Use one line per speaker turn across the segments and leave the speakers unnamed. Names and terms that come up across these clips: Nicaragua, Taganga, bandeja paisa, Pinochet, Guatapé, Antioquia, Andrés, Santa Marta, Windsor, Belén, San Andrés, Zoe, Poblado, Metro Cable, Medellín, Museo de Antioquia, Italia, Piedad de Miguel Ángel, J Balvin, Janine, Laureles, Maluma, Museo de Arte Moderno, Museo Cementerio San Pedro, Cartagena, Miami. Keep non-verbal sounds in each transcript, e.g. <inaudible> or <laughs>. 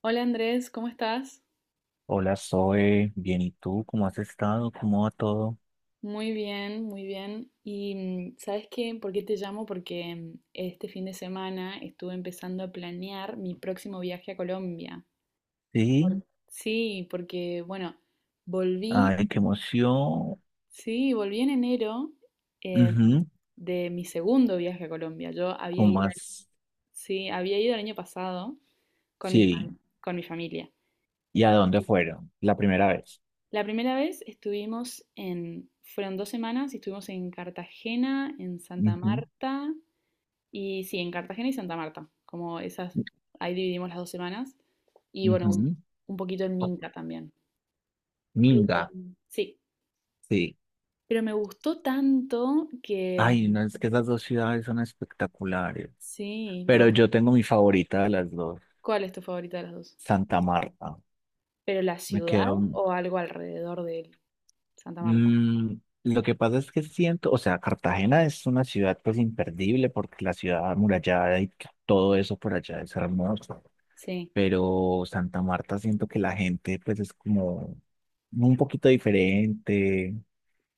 Hola Andrés, ¿cómo estás?
Hola, Zoe, bien, ¿y tú? ¿Cómo has estado? ¿Cómo va todo?
Muy bien, muy bien. Y ¿sabes qué? ¿Por qué te llamo? Porque este fin de semana estuve empezando a planear mi próximo viaje a Colombia.
Sí,
Sí, porque bueno, volví,
ay, qué emoción.
sí, volví en enero eh,
Ujú,
de mi segundo viaje a Colombia. Yo había
¿cómo
ido,
has?
sí, había ido el año pasado
Sí,
con mi familia.
¿y a dónde fueron? La primera vez.
La primera vez estuvimos en, fueron 2 semanas y estuvimos en Cartagena, en Santa
Ujú,
Marta, y sí, en Cartagena y Santa Marta, como esas, ahí dividimos las 2 semanas, y bueno,
ujú.
un poquito en Minca también. Pero
Minga,
sí,
sí.
pero me gustó tanto que
Ay, no, es que esas dos ciudades son espectaculares,
sí, me
pero
gustó.
yo tengo mi favorita de las dos,
¿Cuál es tu favorita de las dos?
Santa Marta.
¿Pero la
Me
ciudad
quedo.
o algo alrededor de Santa Marta?
Mm, lo que pasa es que siento, o sea, Cartagena es una ciudad pues imperdible porque la ciudad amurallada y todo eso por allá es hermoso,
Sí.
pero Santa Marta siento que la gente pues es como un poquito diferente,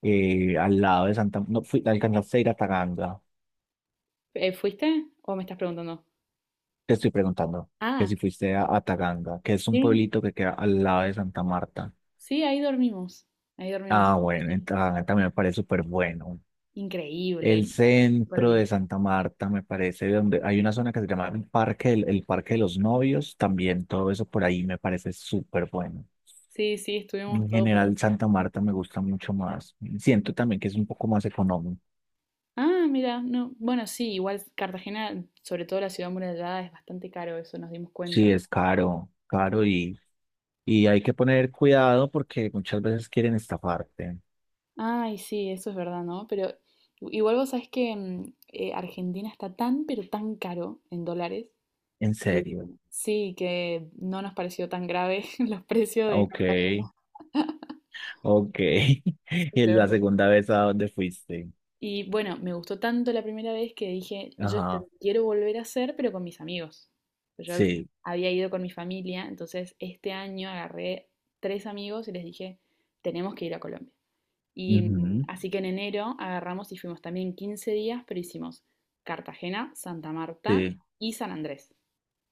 al lado de Santa, no fui, ¿alcanzaste a ir a Taganga?
¿Fuiste o me estás preguntando?
Te estoy preguntando, que
Ah,
si fuiste a Taganga, que es un
sí.
pueblito que queda al lado de Santa Marta.
Sí, ahí dormimos. Ahí dormimos
Ah,
este
bueno, en
año.
Taganga también me parece súper bueno. El
Increíble. Súper
centro
bien.
de Santa Marta, me parece, donde hay una zona que se llama el Parque, el Parque de los Novios, también todo eso por ahí me parece súper bueno.
Sí, sí, estuvimos
En
todo por ahí.
general, Santa Marta me gusta mucho más. Siento también que es un poco más económico.
Ah, mira, no. Bueno, sí, igual Cartagena, sobre todo la ciudad amurallada, es bastante caro, eso nos dimos
Sí,
cuenta.
es caro, caro, y hay que poner cuidado porque muchas veces quieren estafarte.
Ay, sí, eso es verdad, ¿no? Pero igual vos sabés que Argentina está tan, pero tan caro en dólares.
En
que-
serio.
Sí, que no nos pareció tan grave <laughs> los precios de
Ok,
Cartagena.
ok. <laughs>
Sí,
¿Y es
de
la
verdad.
segunda vez a donde fuiste?
Y bueno, me gustó tanto la primera vez que dije, yo esto lo
Ajá,
quiero volver a hacer, pero con mis amigos. Pues yo
sí.
había ido con mi familia, entonces este año agarré tres amigos y les dije, tenemos que ir a Colombia. Y
Ujú,
así que en enero agarramos y fuimos también 15 días, pero hicimos Cartagena, Santa Marta
sí.
y San Andrés.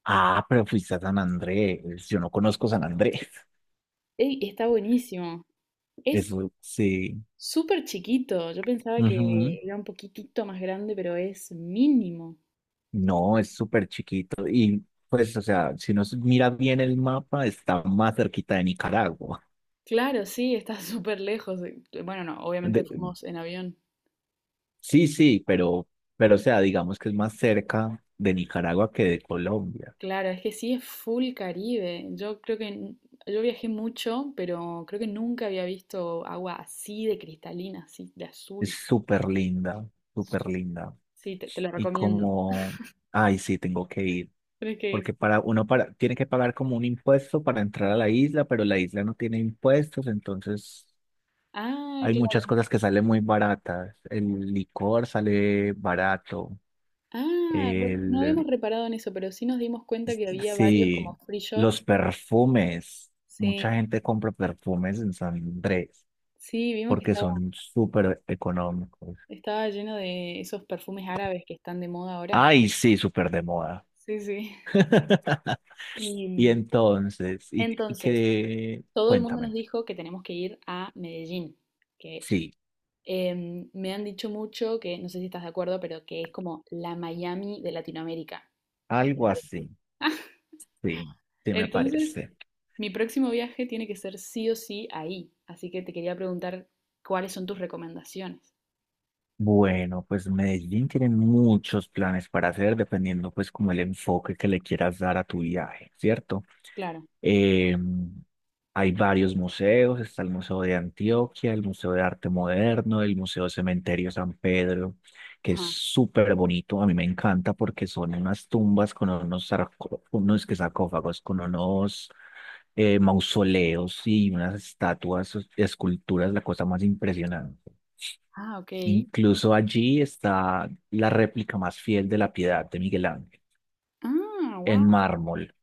Ah, pero fuiste a San Andrés. Yo no conozco San Andrés. <laughs>
Ey, está buenísimo. Es
Eso sí.
súper chiquito. Yo pensaba que
Ujú.
era un poquitito más grande, pero es mínimo.
No, es súper chiquito. Y pues, o sea, si nos mira bien el mapa, está más cerquita de Nicaragua.
Claro, sí, está <laughs> súper lejos. Bueno, no, obviamente
De-
fuimos en avión.
sí, sí, pero, o sea, digamos que es más cerca de Nicaragua que de Colombia.
Claro, es que sí es full Caribe. Yo creo que yo viajé mucho, pero creo que nunca había visto agua así de cristalina, así de
Es
azul.
súper linda, súper
Su-
linda.
Sí, te lo
Y
recomiendo.
como, ay, sí, tengo que ir.
Tienes que ir.
Porque para uno para, tiene que pagar como un impuesto para entrar a la isla, pero la isla no tiene impuestos, entonces
Ah,
hay muchas
claro.
cosas que salen muy baratas. El licor sale barato.
Ah, bueno, no habíamos
El,
reparado en eso, pero sí nos dimos cuenta que había varios como
sí,
free
los
shops.
perfumes.
Sí,
Mucha gente compra perfumes en San Andrés
sí, vimos que
porque
estaba,
son súper económicos.
estaba lleno de esos perfumes árabes que están de moda ahora.
Ay, sí, súper de moda.
Sí, sí.
<laughs> Y
Y
entonces, y
entonces,
que,
todo el mundo nos
cuéntame.
dijo que tenemos que ir a Medellín, que
Sí,
me han dicho mucho que, no sé si estás de acuerdo, pero que es como la Miami de Latinoamérica. ¿Qué te
algo
parece?
así. Sí, sí me
Entonces,
parece.
mi próximo viaje tiene que ser sí o sí ahí, así que te quería preguntar cuáles son tus recomendaciones.
Bueno, pues Medellín tiene muchos planes para hacer dependiendo pues como el enfoque que le quieras dar a tu viaje, ¿cierto?
Claro.
Eh, Hay varios museos, está el Museo de Antioquia, el Museo de Arte Moderno, el Museo Cementerio San Pedro, que es
Ajá.
súper bonito, a mí me encanta porque son unas tumbas con unos, unos que sarcófagos, con unos mausoleos y unas estatuas, esculturas, la cosa más impresionante.
Ah, ok.
Incluso allí está la réplica más fiel de la Piedad de Miguel Ángel,
Ah,
en
wow.
mármol.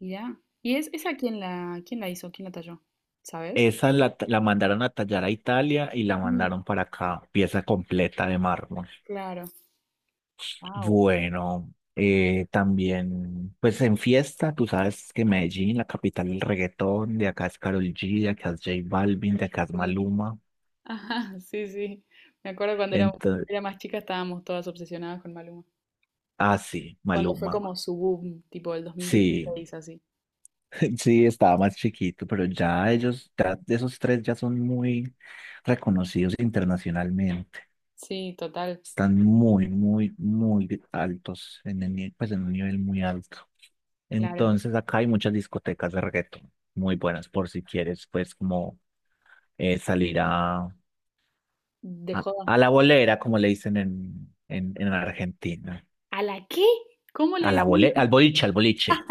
Ya. ¿Y es esa quién la hizo? ¿Quién la talló? ¿Sabes?
Esa la mandaron a tallar a Italia y la
Mm,
mandaron para acá, pieza completa de mármol.
claro. Wow.
Bueno, también, pues en fiesta, tú sabes que Medellín, la capital del reggaetón, de acá es Karol G, de acá es J Balvin, de acá es Maluma.
Ajá, sí, sí. Me acuerdo cuando
Entonces,
era más chica estábamos todas obsesionadas con Maluma.
ah, sí,
Cuando fue
Maluma.
como su boom, tipo el dos mil
Sí.
dieciséis así.
<laughs> Sí, estaba más chiquito, pero ya ellos, ya esos tres ya son muy reconocidos internacionalmente.
Sí, total,
Están muy, muy, muy altos, en el, ni- pues en un nivel muy alto.
claro.
Entonces acá hay muchas discotecas de reggaetón, muy buenas por si quieres, pues como salir a,
De
a,
joda.
a la bolera, como le dicen en, en Argentina.
¿A la qué? ¿Cómo le decimos?
Al boliche, al boliche.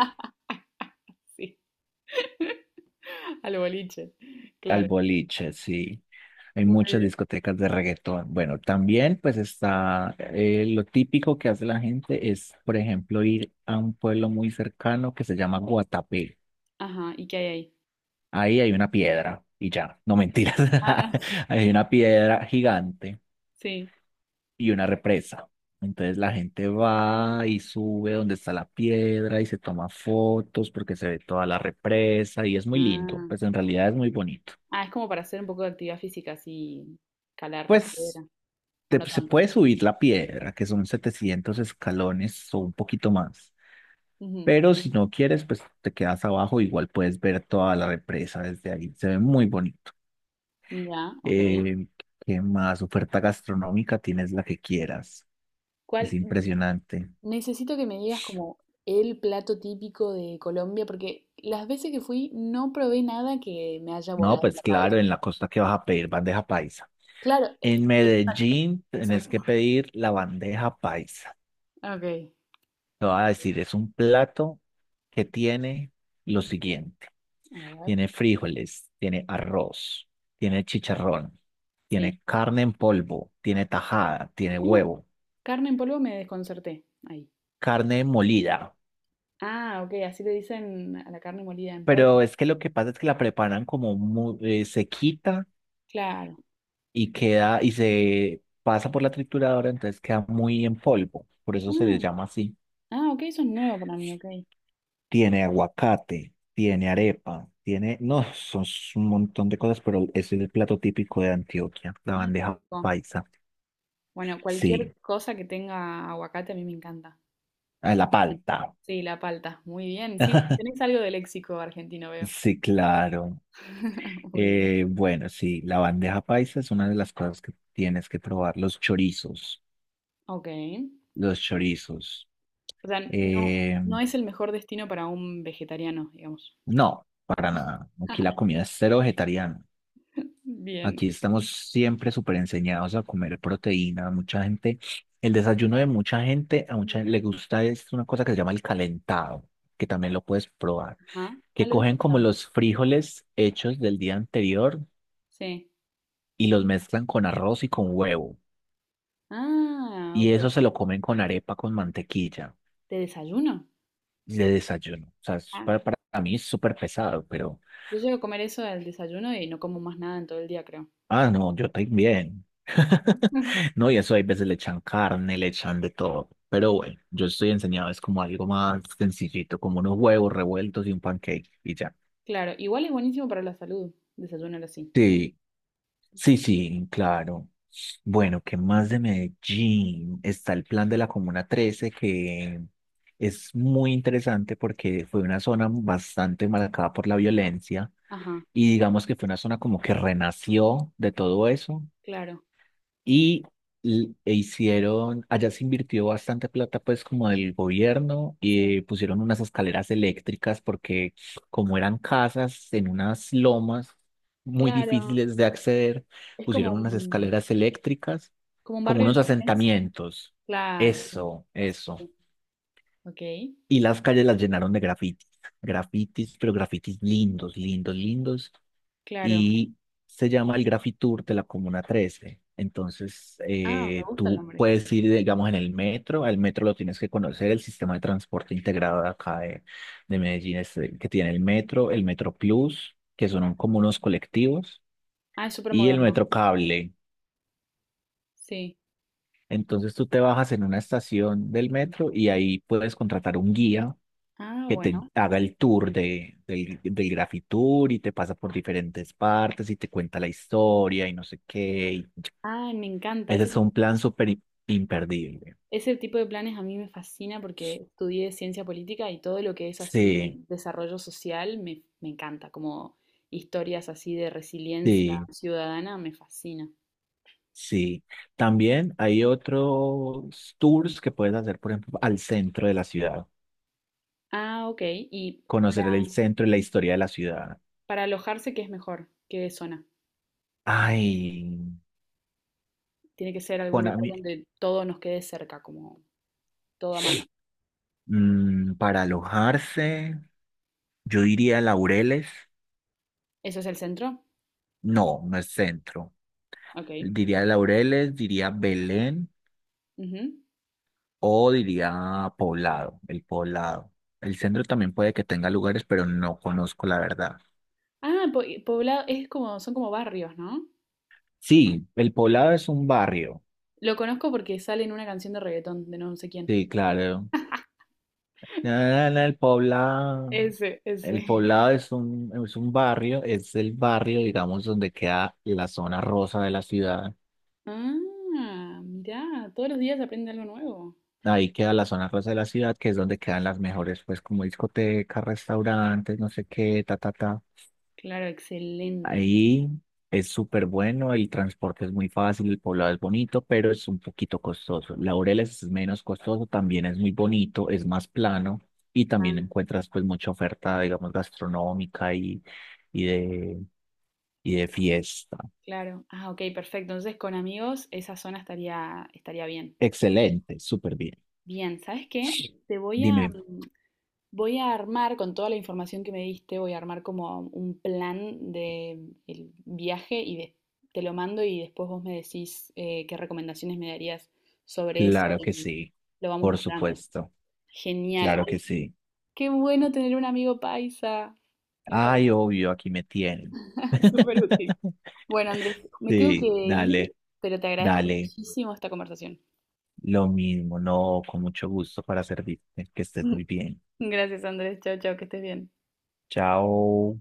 <laughs> Sí, al boliche.
Al
Claro.
boliche, sí. Hay
Muy
muchas
bien.
discotecas de reggaetón. Bueno, también pues está lo típico que hace la gente es, por ejemplo, ir a un pueblo muy cercano que se llama Guatapé.
Ajá, ¿y qué hay ahí?
Ahí hay una piedra y ya, no mentiras,
Ah,
<laughs> hay una piedra gigante
sí.
y una represa. Entonces la gente va y sube donde está la piedra y se toma fotos porque se ve toda la represa y es muy lindo,
Ah.
pues en realidad es muy bonito.
Ah, es como para hacer un poco de actividad física, así, calar la
Pues
piedra, o no
se
tanto.
puede subir la piedra, que son 700 escalones o un poquito más.
Ujú.
Pero si no quieres, pues te quedas abajo, igual puedes ver toda la represa desde ahí. Se ve muy bonito.
Ya, ok.
Eh, ¿Qué más? Oferta gastronómica, tienes la que quieras. Es
¿Cuál,
impresionante.
Necesito que me digas como el plato típico de Colombia, porque las veces que fui no probé nada que me haya
No,
volado
pues
la cabeza.
claro, en la costa que vas a pedir bandeja paisa.
Claro,
En
exacto,
Medellín tenés que
exacto.
pedir la bandeja paisa.
Ok.
Te voy a decir, es un plato que tiene lo siguiente.
A ver,
Tiene frijoles, tiene arroz, tiene chicharrón,
sí.
tiene carne en polvo, tiene tajada, tiene
¿Cómo?
huevo,
Carne en polvo me desconcerté. Ahí.
carne molida.
Ah, ok, así le dicen a la carne molida en
Pero
polvo.
es que lo que pasa es que la preparan como se quita
Claro.
y queda y se pasa por la trituradora, entonces queda muy en polvo. Por eso se les
Ah,
llama así.
ah, ok, eso es nuevo para mí, ok.
Tiene aguacate, tiene arepa, tiene, no, son un montón de cosas, pero ese es el plato típico de Antioquia, la
Ay, qué
bandeja
rico.
paisa.
Bueno,
Sí,
cualquier cosa que tenga aguacate a mí me encanta.
ah, la palta.
Sí, la palta. Muy bien. Sí, tenés algo de léxico argentino, veo.
Sí, claro.
<laughs> Muy bien.
Bueno, sí, la bandeja paisa es una de las cosas que tienes que probar. Los chorizos,
Ok.
los
Ok.
chorizos.
O sea, no,
Eh,
no es el mejor destino para un vegetariano, digamos.
no, para nada. Aquí la
<laughs>
comida es cero vegetariana.
Bien.
Aquí estamos siempre súper enseñados a comer proteína. Mucha gente, el desayuno de mucha gente, a mucha
Mm.
gente le gusta es una cosa que se llama el calentado, que también lo puedes probar.
Ajá. Ah,
Que
lo he
cogen como
escuchado.
los frijoles hechos del día anterior
Sí.
y los mezclan con arroz y con huevo.
Ah,
Y
ok.
eso se lo comen con arepa con mantequilla
¿De desayuno?
de desayuno. O sea, es
Ah,
para mí es súper pesado, pero
yo llego a comer eso al desayuno y no como más nada en todo el día, creo.
ah, no, yo también. <laughs>
<laughs>
No, y eso hay veces le echan carne, le echan de todo. Pero bueno, yo estoy enseñado, es como algo más sencillito, como unos huevos revueltos y un pancake y ya.
Claro, igual es buenísimo para la salud, desayunar así.
Sí, sí,
Sí.
sí, claro. Bueno, ¿qué más de Medellín? Está el plan de la Comuna 13, que es muy interesante porque fue una zona bastante marcada por la violencia.
Ajá,
Y digamos que fue una zona como que renació de todo eso,
claro.
y e hicieron, allá se invirtió bastante plata pues como del gobierno
Sí.
y pusieron unas escaleras eléctricas porque como eran casas en unas lomas muy
Claro,
difíciles de acceder,
es como
pusieron unas
un,
escaleras eléctricas
como un
como
barrio de
unos
emergencia.
asentamientos.
Claro, sí,
Eso, eso.
sí. Ok,
Y las calles las llenaron de grafitis, grafitis, pero grafitis lindos, lindos, lindos,
claro.
y se llama el Graffiti Tour de la Comuna Trece. Entonces,
Ah, me gusta el
tú
nombre.
puedes ir, digamos, en el metro, al metro lo tienes que conocer. El sistema de transporte integrado de acá de Medellín es el que tiene el Metro Plus, que son como unos colectivos,
Ah, es súper
y el
moderno.
Metro Cable.
Sí.
Entonces, tú te bajas en una estación del
Ujú.
metro y ahí puedes contratar un guía
Ah,
que te
bueno.
haga el tour del Graffiti Tour y te pasa por diferentes partes y te cuenta la historia y no sé qué.
Ah, me encanta.
Ese
Ese,
es un plan súper imperdible.
ese tipo de planes a mí me fascina porque estudié ciencia política y todo lo que es
Sí,
así desarrollo social me encanta, como historias así de resiliencia
sí,
ciudadana me fascina.
sí. También hay otros tours que puedes hacer, por ejemplo, al centro de la ciudad.
Ah, ok. ¿Y
Conocer el centro y la historia de la ciudad.
para alojarse qué es mejor? ¿Qué zona?
Ay,
Tiene que ser algún
bueno, a
lugar
mí,
donde todo nos quede cerca, como todo a mano.
para alojarse, yo diría Laureles.
¿Eso es el centro?
No, no es centro.
Ok.
Diría Laureles, diría Belén
Ujú.
o diría Poblado. El centro también puede que tenga lugares, pero no conozco la verdad.
Ah, poblado, es como, son como barrios, ¿no?
Sí, el Poblado es un barrio.
Lo conozco porque sale en una canción de reggaetón de no sé quién.
Sí, claro. Na, na, na, el Poblado.
Ese,
El
ese.
Poblado es un barrio, es el barrio, digamos, donde queda la zona rosa de la ciudad.
<laughs> Ah, mirá, todos los días aprende algo nuevo.
Ahí queda la zona rosa de la ciudad, que es donde quedan las mejores, pues, como discotecas, restaurantes, no sé qué, ta, ta, ta.
Claro, excelente.
Ahí es súper bueno, el transporte es muy fácil, el Poblado es bonito, pero es un poquito costoso. Laureles es menos costoso, también es muy bonito, es más plano y también
Ah,
encuentras pues mucha oferta, digamos, gastronómica y, y de, y de fiesta.
claro. Ah, ok, perfecto. Entonces con amigos esa zona estaría bien.
Excelente, súper bien.
Bien, ¿sabes qué? Te voy a,
Dime,
mm, voy a armar con toda la información que me diste, voy a armar como un plan de el viaje y te lo mando y después vos me decís qué recomendaciones me darías sobre eso
claro que
y
sí,
lo vamos
por
mejorando.
supuesto,
Genial.
claro que
Ay,
sí.
qué bueno tener un amigo paisa. Me
Ay,
encanta.
obvio, aquí me tienen.
<laughs> Súper útil.
<laughs>
Bueno, Andrés, me tengo que
Sí,
ir,
dale,
pero te agradezco
dale.
muchísimo esta conversación.
Lo mismo, no, con mucho gusto para servirte. Que estés muy bien.
<laughs> Gracias, Andrés. Chao, chao, que estés bien.
Chao.